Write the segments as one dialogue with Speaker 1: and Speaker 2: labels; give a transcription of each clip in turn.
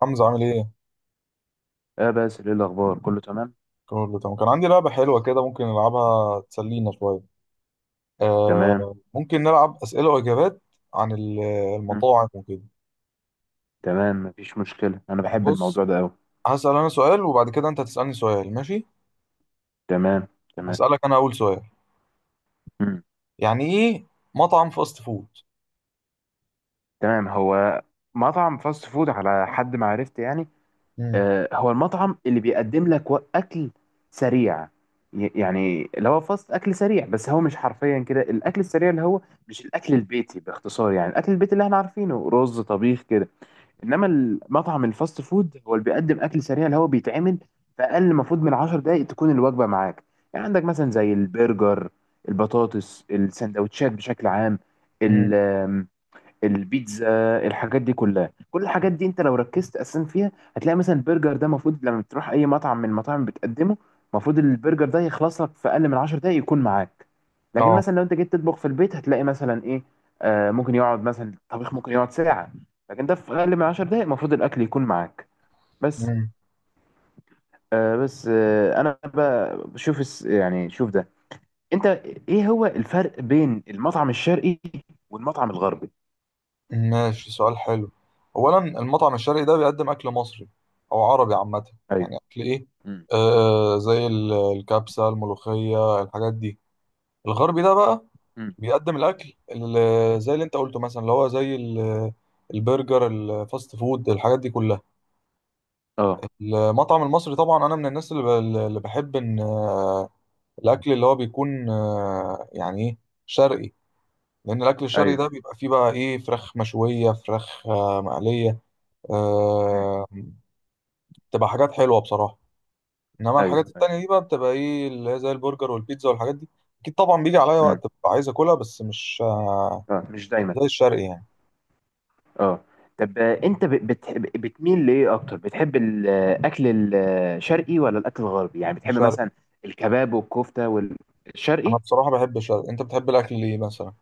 Speaker 1: حمزة عامل ايه؟
Speaker 2: اه، بس ايه الاخبار؟ كله تمام،
Speaker 1: كله تمام، كان عندي لعبة حلوة كده، ممكن نلعبها تسلينا شوية.
Speaker 2: تمام.
Speaker 1: آه ممكن نلعب أسئلة وإجابات عن
Speaker 2: مم.
Speaker 1: المطاعم وكده.
Speaker 2: تمام، مفيش مشكله، انا بحب
Speaker 1: بص،
Speaker 2: الموضوع ده قوي.
Speaker 1: هسأل أنا سؤال، وبعد كده أنت هتسألني سؤال، ماشي؟
Speaker 2: تمام، تمام.
Speaker 1: هسألك أنا أول سؤال.
Speaker 2: مم.
Speaker 1: يعني ايه مطعم فاست فود؟
Speaker 2: تمام، هو مطعم فاست فود على حد ما عرفت يعني.
Speaker 1: مم.
Speaker 2: آه، هو المطعم اللي بيقدم لك اكل سريع. يعني اللي هو فاست، اكل سريع، بس هو مش حرفيا كده الاكل السريع اللي هو مش الاكل البيتي. باختصار يعني الاكل البيتي اللي احنا عارفينه رز، طبيخ، كده. انما المطعم الفاست فود هو اللي بيقدم اكل سريع، اللي هو بيتعمل في اقل المفروض من 10 دقائق تكون الوجبه معاك. يعني عندك مثلا زي البرجر، البطاطس، السندوتشات بشكل عام،
Speaker 1: مم.
Speaker 2: البيتزا. الحاجات دي كلها، كل الحاجات دي انت لو ركزت اساسا فيها هتلاقي مثلا البرجر ده المفروض لما تروح اي مطعم من المطاعم بتقدمه، المفروض البرجر ده يخلص لك في اقل من 10 دقايق يكون معاك. لكن
Speaker 1: اه.
Speaker 2: مثلا لو انت جيت تطبخ في البيت هتلاقي مثلا ايه، ممكن يقعد مثلا الطبيخ ممكن يقعد ساعة، لكن ده في اقل من 10 دقايق المفروض الاكل يكون معاك بس.
Speaker 1: مم.
Speaker 2: بس انا بقى بشوف يعني شوف ده، انت ايه هو الفرق بين المطعم الشرقي والمطعم الغربي؟
Speaker 1: ماشي، سؤال حلو. أولا، المطعم الشرقي ده بيقدم أكل مصري أو عربي عامة.
Speaker 2: ايوه.
Speaker 1: يعني أكل ايه؟
Speaker 2: امم.
Speaker 1: زي الكبسة، الملوخية، الحاجات دي. الغربي ده بقى،
Speaker 2: امم.
Speaker 1: بيقدم الاكل زي اللي انت قلته مثلا، اللي هو زي البرجر، الفاست فود، الحاجات دي كلها.
Speaker 2: اه.
Speaker 1: المطعم المصري، طبعا انا من الناس اللي بحب ان الاكل اللي هو بيكون، يعني ايه، شرقي. لان الاكل الشرقي
Speaker 2: ايوه.
Speaker 1: ده بيبقى فيه بقى ايه، فراخ مشويه، فراخ مقليه.
Speaker 2: مم.
Speaker 1: آه، بتبقى حاجات حلوه بصراحه. انما الحاجات
Speaker 2: ايوه، ايوه.
Speaker 1: التانية دي بقى بتبقى ايه، اللي هي زي البرجر والبيتزا والحاجات دي. اكيد طبعا، بيجي عليا وقت
Speaker 2: مم.
Speaker 1: ببقى عايز اكلها، بس مش
Speaker 2: اه، مش دايما.
Speaker 1: زي الشرقي يعني.
Speaker 2: اه. طب انت بتحب، بتميل لايه اكتر؟ بتحب الاكل الشرقي ولا الاكل الغربي؟ يعني بتحب
Speaker 1: الشرقي.
Speaker 2: مثلا الكباب والكفته والشرقي؟
Speaker 1: انا بصراحه بحب الشرق. انت بتحب الاكل ليه مثلا؟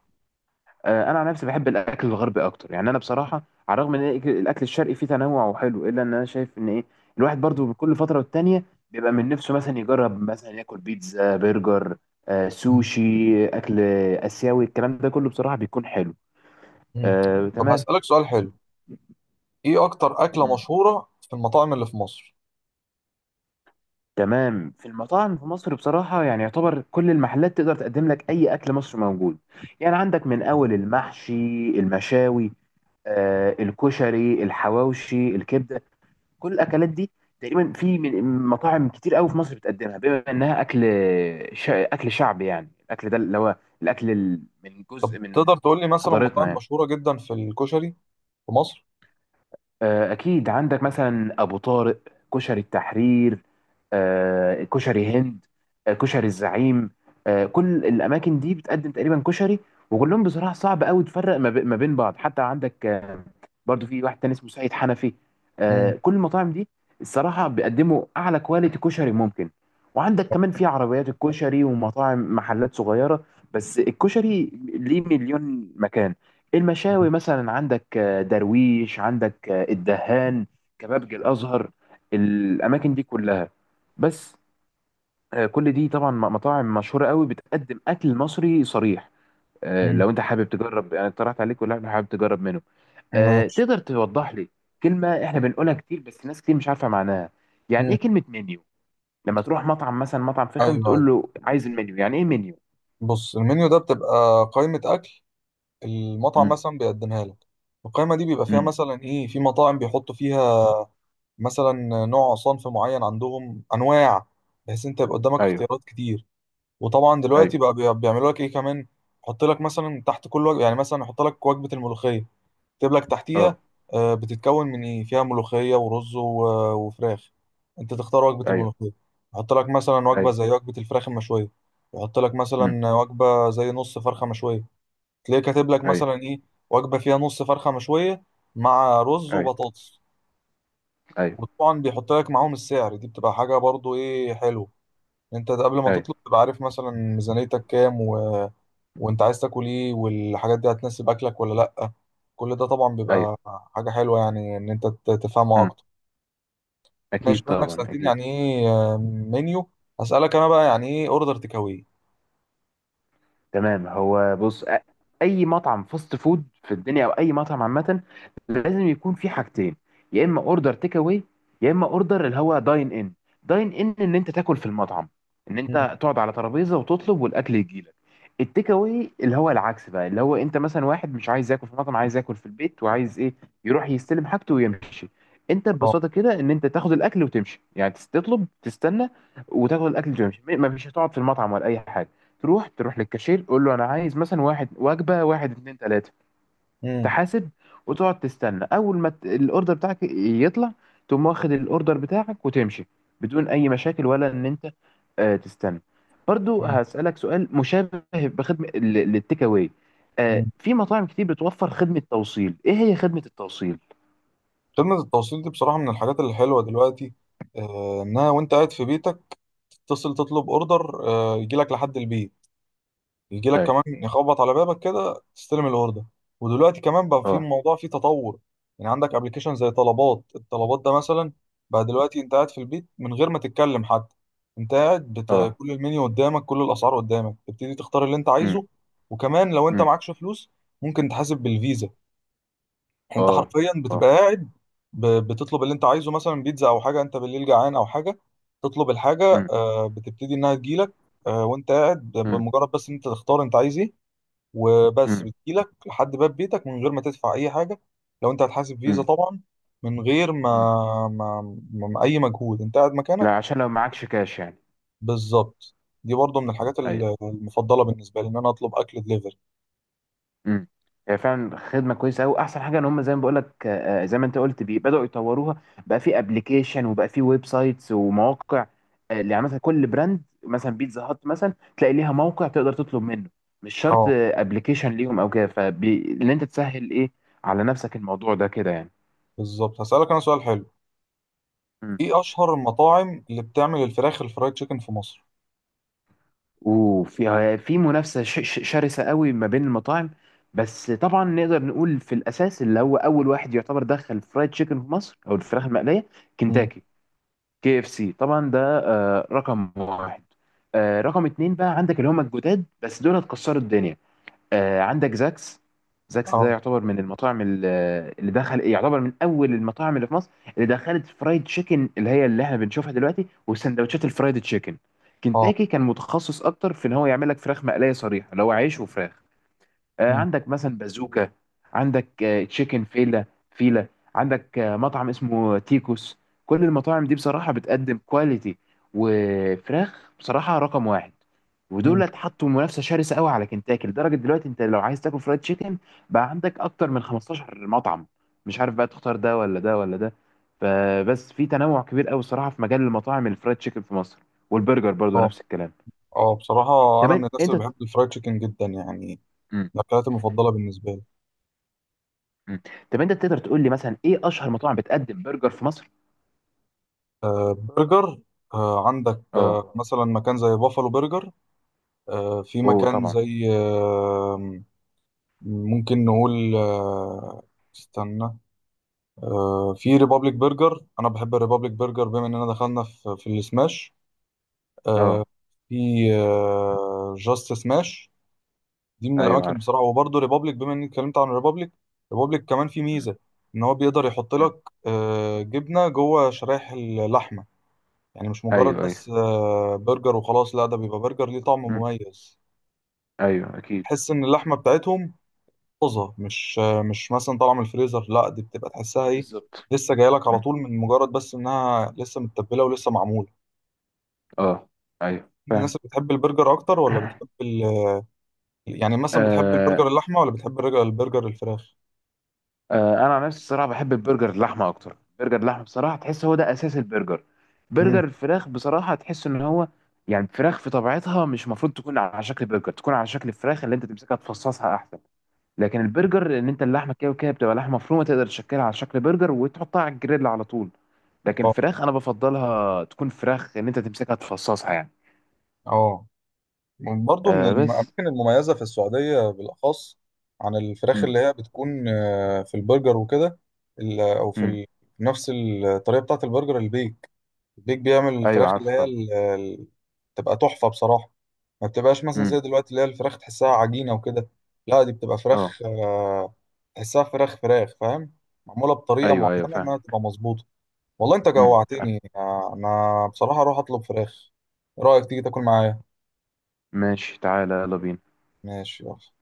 Speaker 2: انا عن نفسي بحب الاكل الغربي اكتر. يعني انا بصراحه على الرغم ان الاكل الشرقي فيه تنوع وحلو، الا ان انا شايف ان ايه، الواحد برضو كل فتره والتانيه بيبقى من نفسه مثلا يجرب، مثلا ياكل بيتزا، برجر،
Speaker 1: مم.
Speaker 2: سوشي، اكل اسيوي، الكلام ده كله بصراحه بيكون حلو.
Speaker 1: مم. طب،
Speaker 2: تمام.
Speaker 1: هسالك سؤال حلو. ايه اكتر اكله مشهوره في المطاعم اللي في مصر؟
Speaker 2: تمام، في المطاعم في مصر بصراحة يعني يعتبر كل المحلات تقدر تقدم لك أي أكل مصري موجود. يعني عندك من أول المحشي، المشاوي، الكشري، الحواوشي، الكبدة، كل الأكلات دي تقريبا في من مطاعم كتير قوي في مصر بتقدمها، بما إنها أكل أكل شعبي. يعني الأكل ده اللي هو الأكل من
Speaker 1: طب،
Speaker 2: جزء من
Speaker 1: تقدر تقول لي مثلا
Speaker 2: حضارتنا
Speaker 1: مطاعم
Speaker 2: يعني.
Speaker 1: مشهوره جدا في الكشري في مصر؟
Speaker 2: اكيد عندك مثلا ابو طارق، كشري التحرير، كشري هند، كشري الزعيم، كل الاماكن دي بتقدم تقريبا كشري، وكلهم بصراحه صعب قوي تفرق ما ما بين بعض. حتى عندك برضو في واحد تاني اسمه سعيد حنفي.
Speaker 1: مم.
Speaker 2: كل المطاعم دي الصراحه بيقدموا اعلى كواليتي كشري ممكن. وعندك كمان في عربيات الكشري ومطاعم، محلات صغيره، بس الكشري ليه مليون مكان. المشاوي مثلا عندك درويش، عندك الدهان، كبابجي الازهر، الاماكن دي كلها بس. كل دي طبعا مطاعم مشهوره قوي بتقدم اكل مصري صريح.
Speaker 1: مم.
Speaker 2: لو انت حابب تجرب انا اقترحت عليك، ولا أنت حابب تجرب منه؟
Speaker 1: ماشي.
Speaker 2: تقدر توضح لي كلمه احنا بنقولها كتير بس ناس كتير مش عارفه معناها، يعني
Speaker 1: مم.
Speaker 2: ايه كلمه منيو؟ لما تروح مطعم، مثلا مطعم
Speaker 1: ايوه،
Speaker 2: فخم، تقول
Speaker 1: ايوه،
Speaker 2: له عايز المنيو، يعني ايه منيو؟
Speaker 1: بص، المنيو ده بتبقى قائمه اكل. المطعم
Speaker 2: امم.
Speaker 1: مثلا بيقدمها لك. القائمه دي بيبقى فيها
Speaker 2: امم.
Speaker 1: مثلا ايه، في مطاعم بيحطوا فيها مثلا نوع صنف معين، عندهم انواع بحيث انت يبقى قدامك
Speaker 2: ايوه،
Speaker 1: اختيارات كتير. وطبعا
Speaker 2: ايوه.
Speaker 1: دلوقتي بقى بيعملوا لك ايه كمان. يحط لك مثلا تحت كل وجبه، يعني مثلا يحط لك وجبه الملوخيه، يكتب لك
Speaker 2: اه.
Speaker 1: تحتيها بتتكون من ايه، فيها ملوخيه ورز وفراخ. انت تختار وجبه
Speaker 2: ايوه.
Speaker 1: الملوخيه، يحط لك مثلا وجبه
Speaker 2: ايوه.
Speaker 1: زي وجبه الفراخ المشويه. يحط لك
Speaker 2: امم.
Speaker 1: مثلا وجبه زي نص فرخه مشويه. تلاقيه كاتب لك
Speaker 2: ايوه.
Speaker 1: مثلا ايه، وجبه فيها نص فرخه مشويه مع رز
Speaker 2: ايوه.
Speaker 1: وبطاطس.
Speaker 2: ايوه.
Speaker 1: وطبعا بيحط لك معاهم السعر. دي بتبقى حاجه برضو ايه حلوه. انت قبل ما
Speaker 2: ايوه.
Speaker 1: تطلب تبقى عارف مثلا ميزانيتك كام وانت عايز تاكل ايه، والحاجات دي هتناسب اكلك ولا لا. كل ده طبعا
Speaker 2: ايوه.
Speaker 1: بيبقى حاجة حلوة، يعني ان انت تفهمه
Speaker 2: امم.
Speaker 1: اكتر. ماشي،
Speaker 2: اكيد
Speaker 1: بما انك
Speaker 2: طبعا،
Speaker 1: سألتني
Speaker 2: اكيد.
Speaker 1: يعني ايه منيو، هسألك انا بقى يعني ايه اوردر تكاوي؟
Speaker 2: تمام، هو بص، اي مطعم فاست فود في الدنيا او اي مطعم عامه لازم يكون في حاجتين: يا اما اوردر تيك اواي، يا اما اوردر اللي هو داين ان. داين ان ان انت تاكل في المطعم، ان انت تقعد على ترابيزه وتطلب والاكل يجيلك. التيك اواي اللي هو العكس بقى، اللي هو انت مثلا واحد مش عايز ياكل في مطعم، عايز ياكل في البيت، وعايز ايه، يروح يستلم حاجته ويمشي. انت
Speaker 1: اه.
Speaker 2: ببساطه كده ان انت تاخد الاكل وتمشي. يعني تطلب، تستنى، وتاخد الاكل وتمشي. ما فيش هتقعد في المطعم ولا اي حاجه. تروح، تروح للكاشير، تقول له انا عايز مثلا واحد وجبه واحد اتنين تلاته،
Speaker 1: مم.
Speaker 2: تحاسب، وتقعد تستنى، اول ما الاوردر بتاعك يطلع تقوم واخد الاوردر بتاعك وتمشي، بدون اي مشاكل، ولا ان انت تستنى. برضو
Speaker 1: مم.
Speaker 2: هسألك سؤال مشابه بخدمة للتيك اواي.
Speaker 1: مم.
Speaker 2: في مطاعم كتير بتوفر خدمة توصيل. ايه هي خدمة التوصيل؟
Speaker 1: خدمة التوصيل دي بصراحة من الحاجات الحلوة دلوقتي. انها وانت قاعد في بيتك تتصل تطلب اوردر يجي لك لحد البيت. يجي لك
Speaker 2: اي.
Speaker 1: كمان يخبط على بابك كده تستلم الاوردر. ودلوقتي كمان بقى في
Speaker 2: اه.
Speaker 1: موضوع فيه تطور، يعني عندك ابلكيشن زي طلبات. الطلبات ده مثلا بقى دلوقتي، انت قاعد في البيت من غير ما تتكلم حتى. انت قاعد،
Speaker 2: اه.
Speaker 1: كل المنيو قدامك، كل الاسعار قدامك، تبتدي تختار اللي انت
Speaker 2: امم.
Speaker 1: عايزه. وكمان لو انت
Speaker 2: امم.
Speaker 1: معكش فلوس ممكن تحاسب بالفيزا. يعني انت
Speaker 2: اه.
Speaker 1: حرفيا
Speaker 2: اه.
Speaker 1: بتبقى قاعد، بتطلب اللي انت عايزه، مثلا بيتزا او حاجه، انت بالليل جعان او حاجه تطلب الحاجه،
Speaker 2: امم.
Speaker 1: بتبتدي انها تجيلك. وانت قاعد،
Speaker 2: امم.
Speaker 1: بمجرد بس ان انت تختار انت عايز ايه. وبس بتجيلك لحد باب بيتك من غير ما تدفع اي حاجه لو انت هتحاسب فيزا
Speaker 2: امم.
Speaker 1: طبعا. من غير
Speaker 2: امم.
Speaker 1: ما اي مجهود، انت قاعد مكانك.
Speaker 2: لا، عشان لو معكش كاش يعني.
Speaker 1: بالظبط. دي برضو من الحاجات
Speaker 2: أيوة.
Speaker 1: المفضله بالنسبه لي، ان انا اطلب اكل دليفري.
Speaker 2: امم. هي فعلا خدمه كويسه قوي. احسن حاجه ان هم زي ما بقول لك، زي ما انت قلت بدأوا يطوروها. بقى في ابلكيشن، وبقى في ويب سايتس ومواقع. يعني مثلا كل براند، مثلا بيتزا هات مثلا تلاقي ليها موقع تقدر تطلب منه، مش شرط
Speaker 1: اه.
Speaker 2: ابلكيشن ليهم او كده، فان انت تسهل ايه على نفسك الموضوع ده كده يعني.
Speaker 1: بالظبط، هسالك انا سؤال حلو.
Speaker 2: مم.
Speaker 1: ايه اشهر المطاعم اللي بتعمل الفراخ الفرايد تشيكن في مصر؟
Speaker 2: وفي في منافسه شرسه قوي ما بين المطاعم، بس طبعا نقدر نقول في الاساس اللي هو اول واحد يعتبر دخل فرايد تشيكن في مصر او الفراخ المقليه
Speaker 1: امم.
Speaker 2: كنتاكي. كي اف سي طبعا، ده رقم واحد. رقم اتنين بقى عندك اللي هم الجداد، بس دول هتكسروا الدنيا. عندك زاكس. زاكس ده
Speaker 1: اه.
Speaker 2: يعتبر من المطاعم اللي دخل، يعتبر من اول المطاعم اللي في مصر اللي دخلت فرايد تشيكن، اللي هي اللي احنا بنشوفها دلوقتي والسندوتشات الفرايد تشيكن.
Speaker 1: اه.
Speaker 2: كنتاكي كان متخصص اكتر في ان هو يعمل لك فراخ مقليه صريحه، اللي هو عيش وفراخ.
Speaker 1: امم.
Speaker 2: عندك مثلا بازوكا، عندك تشيكن فيلا، فيلا، عندك مطعم اسمه تيكوس. كل المطاعم دي بصراحة بتقدم كواليتي وفراخ بصراحة رقم واحد، ودول
Speaker 1: امم.
Speaker 2: اتحطوا منافسة شرسة قوي على كنتاكي، لدرجة دلوقتي انت لو عايز تاكل فرايد تشيكن بقى عندك اكتر من 15 مطعم، مش عارف بقى تختار ده ولا ده ولا ده. فبس في تنوع كبير قوي الصراحة في مجال المطاعم الفرايد تشيكن في مصر، والبرجر برضو
Speaker 1: اه.
Speaker 2: نفس الكلام.
Speaker 1: اه، بصراحه
Speaker 2: طب
Speaker 1: انا من الناس
Speaker 2: انت.
Speaker 1: اللي بحب الفرايد تشيكن جدا يعني.
Speaker 2: مم.
Speaker 1: من الاكلات المفضله بالنسبه لي.
Speaker 2: مم. طب انت تقدر تقول لي مثلا ايه اشهر مطاعم بتقدم برجر في مصر؟
Speaker 1: برجر. عندك
Speaker 2: اه.
Speaker 1: مثلا مكان زي بافالو برجر. في
Speaker 2: اوه
Speaker 1: مكان
Speaker 2: طبعا.
Speaker 1: زي، ممكن نقول، استنى. في ريبابليك برجر. انا بحب الريبابليك برجر بما اننا دخلنا في السماش،
Speaker 2: اه.
Speaker 1: في جاست سماش. دي من
Speaker 2: ايوه
Speaker 1: الاماكن
Speaker 2: عارف.
Speaker 1: بصراحه، وبرضه ريبابليك بما اني اتكلمت عن ريبابليك. ريبابليك كمان في
Speaker 2: مم.
Speaker 1: ميزه ان هو بيقدر يحط
Speaker 2: مم.
Speaker 1: لك جبنه جوه شرايح اللحمه. يعني مش مجرد
Speaker 2: ايوه، ايوه.
Speaker 1: بس برجر وخلاص، لا ده بيبقى برجر ليه طعم
Speaker 2: مم.
Speaker 1: مميز.
Speaker 2: ايوه اكيد.
Speaker 1: تحس ان اللحمه بتاعتهم طازه، مش مثلا طالعه من الفريزر. لا دي بتبقى تحسها ايه،
Speaker 2: بالظبط.
Speaker 1: لسه جايه لك على
Speaker 2: مم.
Speaker 1: طول، من مجرد بس انها لسه متبله ولسه معموله.
Speaker 2: اه. ايوه
Speaker 1: الناس
Speaker 2: فاهم.
Speaker 1: اللي بتحب البرجر اكتر ولا بتحب يعني مثلا بتحب البرجر
Speaker 2: آه.
Speaker 1: اللحمه ولا بتحب البرجر الفراخ؟
Speaker 2: انا عن نفسي الصراحه بحب البرجر اللحمه اكتر. برجر اللحمه بصراحه تحس هو ده اساس البرجر.
Speaker 1: امم.
Speaker 2: برجر الفراخ بصراحه تحس ان هو، يعني الفراخ في طبيعتها مش المفروض تكون على شكل برجر، تكون على شكل الفراخ اللي انت تمسكها تفصصها احسن. لكن البرجر ان انت، اللحمه كده وكده بتبقى لحمه مفرومه، تقدر تشكلها على شكل برجر وتحطها على الجريل على طول. لكن
Speaker 1: اه.
Speaker 2: الفراخ انا بفضلها تكون فراخ، ان انت تمسكها تفصصها يعني.
Speaker 1: اه. برضو من
Speaker 2: بس.
Speaker 1: الأماكن المميزة في السعودية بالأخص، عن الفراخ
Speaker 2: امم.
Speaker 1: اللي هي بتكون في البرجر وكده. أو في
Speaker 2: امم.
Speaker 1: نفس الطريقة بتاعة البرجر، البيك. البيك بيعمل
Speaker 2: ايوه
Speaker 1: الفراخ اللي
Speaker 2: عارفه
Speaker 1: هي،
Speaker 2: طبعا.
Speaker 1: بتبقى تحفة بصراحة. ما بتبقاش مثلا
Speaker 2: امم.
Speaker 1: زي دلوقتي اللي هي الفراخ تحسها عجينة وكده. لا دي بتبقى
Speaker 2: اه.
Speaker 1: فراخ، تحسها فراخ فراخ، فاهم. معمولة بطريقة
Speaker 2: ايوه، ايوه
Speaker 1: معينة،
Speaker 2: فاهم.
Speaker 1: ما تبقى مظبوطة. والله أنت
Speaker 2: فاهم.
Speaker 1: جوعتني. أنا بصراحة أروح أطلب فراخ. إيه رأيك تيجي تاكل معايا؟
Speaker 2: ماشي، تعالى، يلا بينا.
Speaker 1: ماشي، يلا.